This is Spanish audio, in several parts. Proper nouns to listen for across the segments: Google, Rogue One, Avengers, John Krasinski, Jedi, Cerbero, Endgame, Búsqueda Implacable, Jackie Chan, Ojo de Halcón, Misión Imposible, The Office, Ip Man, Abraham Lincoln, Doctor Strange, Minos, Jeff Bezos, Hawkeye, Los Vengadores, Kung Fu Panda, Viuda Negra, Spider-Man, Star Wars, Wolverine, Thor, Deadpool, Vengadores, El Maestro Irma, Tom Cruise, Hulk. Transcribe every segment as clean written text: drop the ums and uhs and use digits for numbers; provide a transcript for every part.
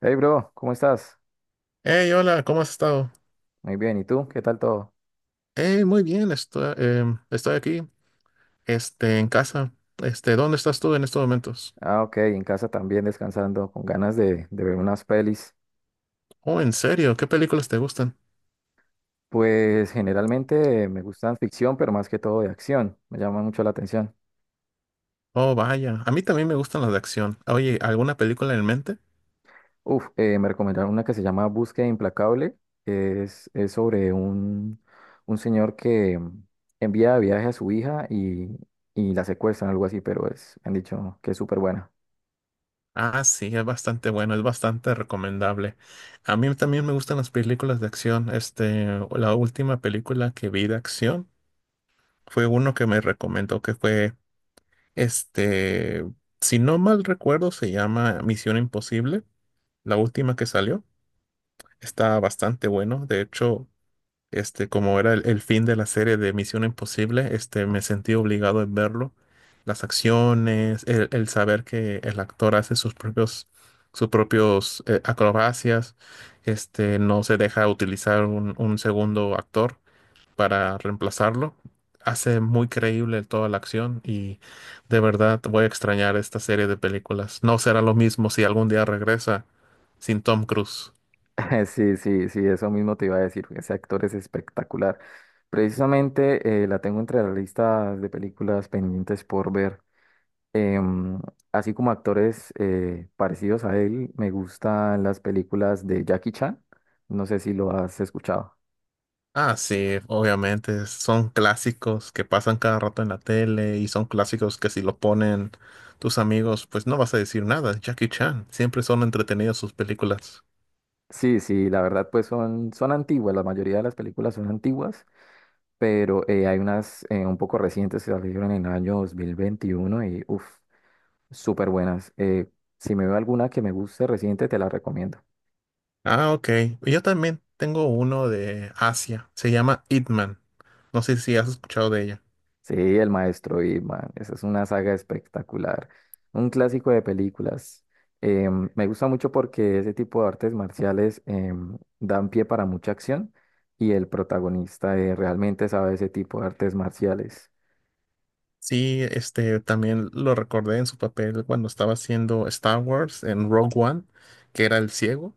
Hey bro, ¿cómo estás? Hey, hola, ¿cómo has estado? Muy bien, ¿y tú? ¿Qué tal todo? Hey, muy bien, estoy, estoy aquí, en casa. ¿Dónde estás tú en estos momentos? Ah, ok, en casa también descansando, con ganas de ver unas pelis. Oh, ¿en serio? ¿Qué películas te gustan? Pues generalmente me gustan ficción, pero más que todo de acción, me llama mucho la atención. Oh, vaya, a mí también me gustan las de acción. Oye, ¿alguna película en mente? Uf, me recomendaron una que se llama Búsqueda Implacable, es sobre un señor que envía de viaje a su hija y la secuestran, algo así, pero es, me han dicho que es súper buena. Ah, sí, es bastante bueno, es bastante recomendable. A mí también me gustan las películas de acción. La última película que vi de acción fue uno que me recomendó que fue, este, si no mal recuerdo, se llama Misión Imposible, la última que salió. Está bastante bueno. De hecho, como era el fin de la serie de Misión Imposible, me sentí obligado a verlo. Las acciones, el saber que el actor hace sus propios, sus propios acrobacias, no se deja utilizar un segundo actor para reemplazarlo. Hace muy creíble toda la acción y de verdad voy a extrañar esta serie de películas. No será lo mismo si algún día regresa sin Tom Cruise. Sí, sí, sí, eso mismo te iba a decir. Ese actor es espectacular. Precisamente la tengo entre las listas de películas pendientes por ver. Em, Así como actores parecidos a él, me gustan las películas de Jackie Chan. No sé si lo has escuchado. Ah, sí, obviamente. Son clásicos que pasan cada rato en la tele y son clásicos que si lo ponen tus amigos, pues no vas a decir nada. Jackie Chan, siempre son entretenidas sus películas. Sí, sí, la verdad, pues son antiguas. La mayoría de las películas son antiguas, pero hay unas un poco recientes que salieron en el año 2021 y uff. Súper buenas. Si me veo alguna que me guste reciente, te la recomiendo. Ah, ok. Yo también tengo uno de Asia. Se llama Ip Man. No sé si has escuchado de ella. Sí, El Maestro Irma. Esa es una saga espectacular. Un clásico de películas. Me gusta mucho porque ese tipo de artes marciales dan pie para mucha acción y el protagonista realmente sabe ese tipo de artes marciales. Sí, este también lo recordé en su papel cuando estaba haciendo Star Wars en Rogue One, que era el ciego.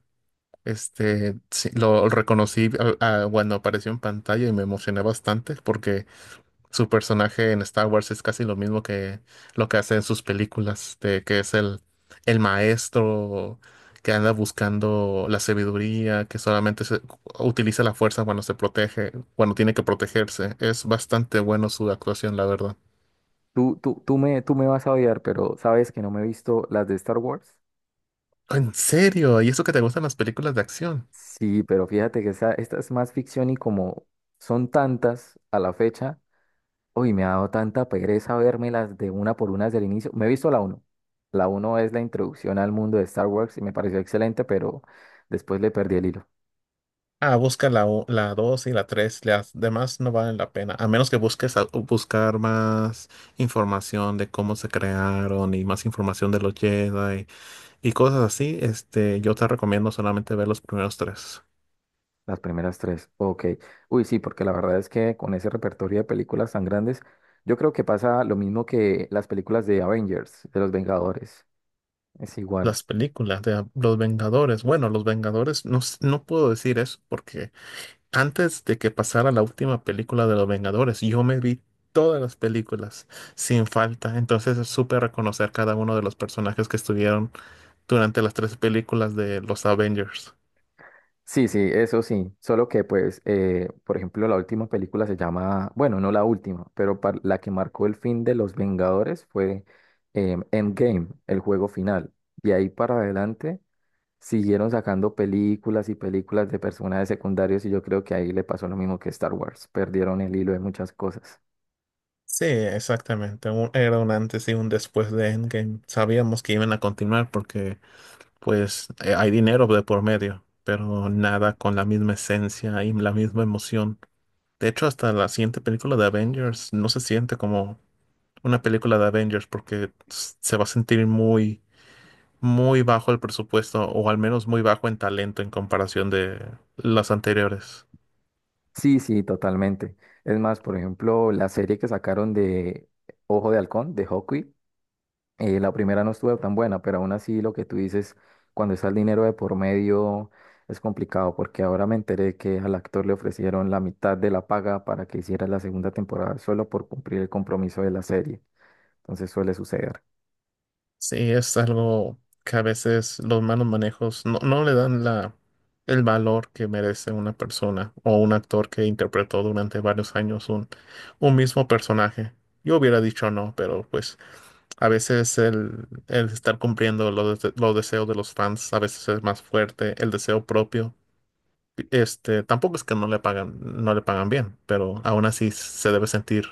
Este, sí, lo reconocí cuando apareció en pantalla y me emocioné bastante porque su personaje en Star Wars es casi lo mismo que lo que hace en sus películas, de que es el maestro que anda buscando la sabiduría, que utiliza la fuerza cuando se protege, cuando tiene que protegerse. Es bastante bueno su actuación, la verdad. Tú me vas a odiar, pero sabes que no me he visto las de Star Wars. En serio, ¿y eso que te gustan las películas de acción? Sí, pero fíjate que esa, esta es más ficción y como son tantas a la fecha. Uy, me ha dado tanta pereza vermelas de una por una desde el inicio. Me he visto la uno. La uno es la introducción al mundo de Star Wars y me pareció excelente, pero después le perdí el hilo. Ah, busca la 2 y la 3, las demás no valen la pena, a menos que busques buscar más información de cómo se crearon y más información de los Jedi y cosas así, yo te recomiendo solamente ver los primeros tres. Las primeras tres. Ok. Uy, sí, porque la verdad es que con ese repertorio de películas tan grandes, yo creo que pasa lo mismo que las películas de Avengers, de los Vengadores. Es igual. Las películas de Los Vengadores, bueno, Los Vengadores, no, no puedo decir eso porque antes de que pasara la última película de Los Vengadores, yo me vi todas las películas sin falta, entonces supe reconocer cada uno de los personajes que estuvieron durante las tres películas de los Avengers. Sí, sí, eso sí. Solo que, pues, por ejemplo, la última película se llama, bueno, no la última, pero la que marcó el fin de los Vengadores fue Endgame, el juego final. Y ahí para adelante siguieron sacando películas y películas de personajes secundarios y yo creo que ahí le pasó lo mismo que Star Wars. Perdieron el hilo de muchas cosas. Sí, exactamente. Era un antes y un después de Endgame. Sabíamos que iban a continuar porque, pues, hay dinero de por medio, pero nada con la misma esencia y la misma emoción. De hecho, hasta la siguiente película de Avengers no se siente como una película de Avengers porque se va a sentir muy, muy bajo el presupuesto o al menos muy bajo en talento en comparación de las anteriores. Sí, sí, totalmente. Es más, por ejemplo, la serie que sacaron de Ojo de Halcón, de Hawkeye. La primera no estuvo tan buena, pero aún así lo que tú dices, cuando está el dinero de por medio, es complicado, porque ahora me enteré que al actor le ofrecieron la mitad de la paga para que hiciera la segunda temporada solo por cumplir el compromiso de la serie. Entonces suele suceder. Sí, es algo que a veces los malos manejos no le dan la, el valor que merece una persona o un actor que interpretó durante varios años un mismo personaje. Yo hubiera dicho no, pero pues a veces el estar cumpliendo los deseos de los fans a veces es más fuerte, el deseo propio. Tampoco es que no le pagan, no le pagan bien, pero aún así se debe sentir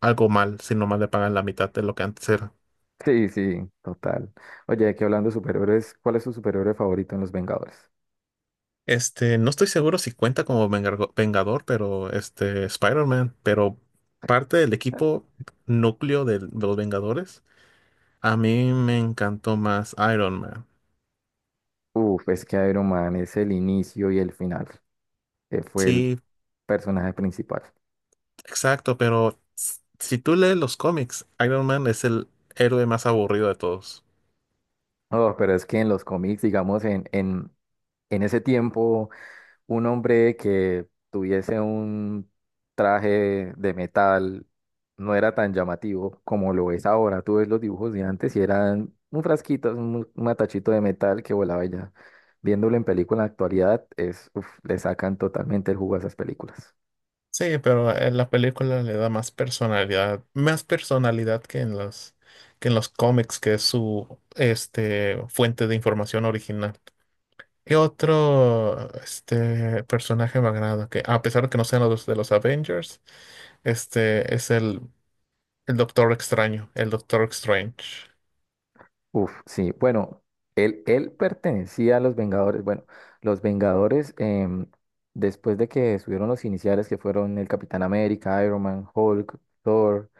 algo mal si nomás le pagan la mitad de lo que antes era. Sí, sí, total. Oye, aquí hablando de superhéroes, ¿cuál es tu superhéroe favorito en Los Vengadores? No estoy seguro si cuenta como Vengador, pero este, Spider-Man, pero parte del equipo núcleo de, los Vengadores, a mí me encantó más Iron Man. Uf, es que Iron Man es el inicio y el final. Fue el Sí, personaje principal. exacto, pero si tú lees los cómics, Iron Man es el héroe más aburrido de todos. Oh, pero es que en los cómics, digamos, en ese tiempo, un hombre que tuviese un traje de metal no era tan llamativo como lo es ahora. Tú ves los dibujos de antes y eran un frasquito, un matachito de metal que volaba y ya. Viéndolo en película en la actualidad, es, uf, le sacan totalmente el jugo a esas películas. Sí, pero en la película le da más personalidad que en que en los cómics, que es su, fuente de información original. ¿Qué otro personaje me agrada? Que a pesar de que no sean los de los Avengers, este es el Doctor Extraño, el Doctor Strange. Uf, sí. Bueno, él pertenecía a los Vengadores. Bueno, los Vengadores, después de que subieron los iniciales, que fueron el Capitán América, Iron Man, Hulk, Thor,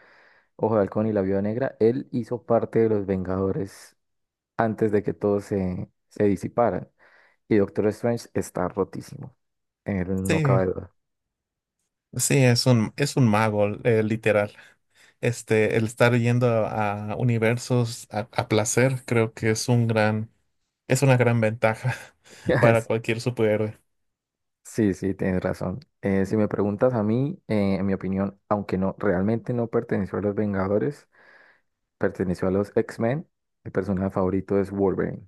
Ojo de Halcón y la Viuda Negra, él hizo parte de los Vengadores antes de que todos se disiparan. Y Doctor Strange está rotísimo. No Sí, cabe duda. sí, es un mago, literal. El estar yendo a universos a placer, creo que es un gran, es una gran ventaja para cualquier superhéroe. Sí, sí, tienes razón. Si me preguntas a mí, en mi opinión, aunque no realmente no perteneció a los Vengadores, perteneció a los X-Men. Mi personaje favorito es Wolverine.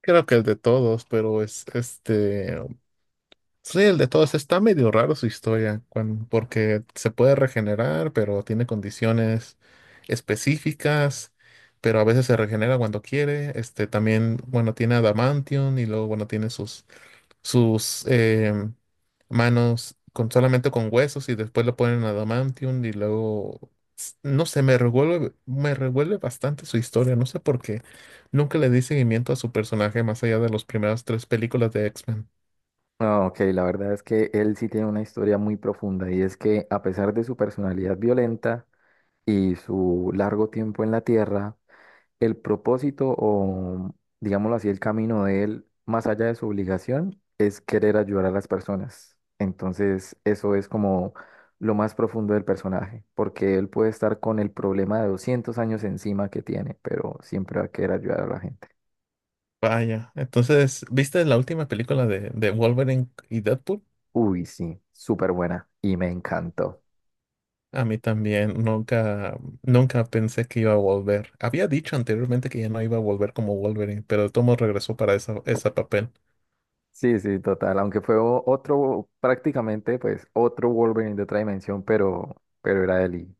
Creo que el de todos, pero es este. Sí, el de todos está medio raro su historia, porque se puede regenerar, pero tiene condiciones específicas, pero a veces se regenera cuando quiere. Este también, bueno, tiene adamantium y luego, bueno, tiene sus, sus manos con solamente con huesos y después lo ponen adamantium y luego, no sé, me revuelve bastante su historia, no sé por qué. Nunca le di seguimiento a su personaje más allá de las primeras tres películas de X-Men. Ah, ok, la verdad es que él sí tiene una historia muy profunda y es que a pesar de su personalidad violenta y su largo tiempo en la Tierra, el propósito o, digámoslo así, el camino de él, más allá de su obligación, es querer ayudar a las personas. Entonces, eso es como lo más profundo del personaje, porque él puede estar con el problema de 200 años encima que tiene, pero siempre va a querer ayudar a la gente. Vaya, entonces, ¿viste la última película de Wolverine y Deadpool? Uy, sí, súper buena y me encantó. A mí también nunca, nunca pensé que iba a volver. Había dicho anteriormente que ya no iba a volver como Wolverine, pero el tomo regresó para esa, ese papel. Sí, sí, total, aunque fue otro, prácticamente, pues, otro Wolverine de otra dimensión, pero era él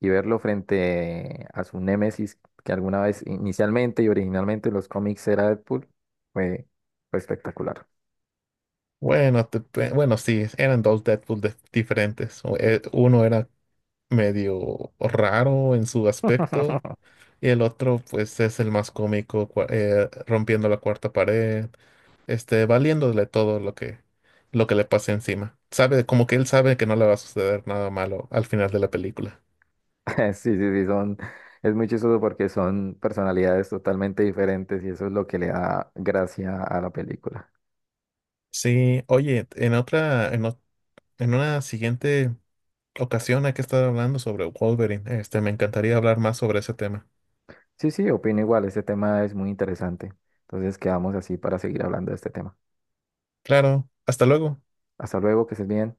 y verlo frente a su némesis que alguna vez inicialmente y originalmente en los cómics era Deadpool fue, fue espectacular. Bueno, sí, eran dos Deadpool diferentes. O, uno era medio raro en su aspecto. Y el otro, pues, es el más cómico, rompiendo la cuarta pared, valiéndole todo lo que le pase encima. Sabe, como que él sabe que no le va a suceder nada malo al final de la película. Sí, sí, sí, son, es muy chistoso porque son personalidades totalmente diferentes y eso es lo que le da gracia a la película. Sí, oye, en otra, en, ot- en una siguiente ocasión hay que estar hablando sobre Wolverine. Me encantaría hablar más sobre ese tema. Sí, sí, opino igual, este tema es muy interesante. Entonces quedamos así para seguir hablando de este tema. Claro, hasta luego. Hasta luego, que estés bien.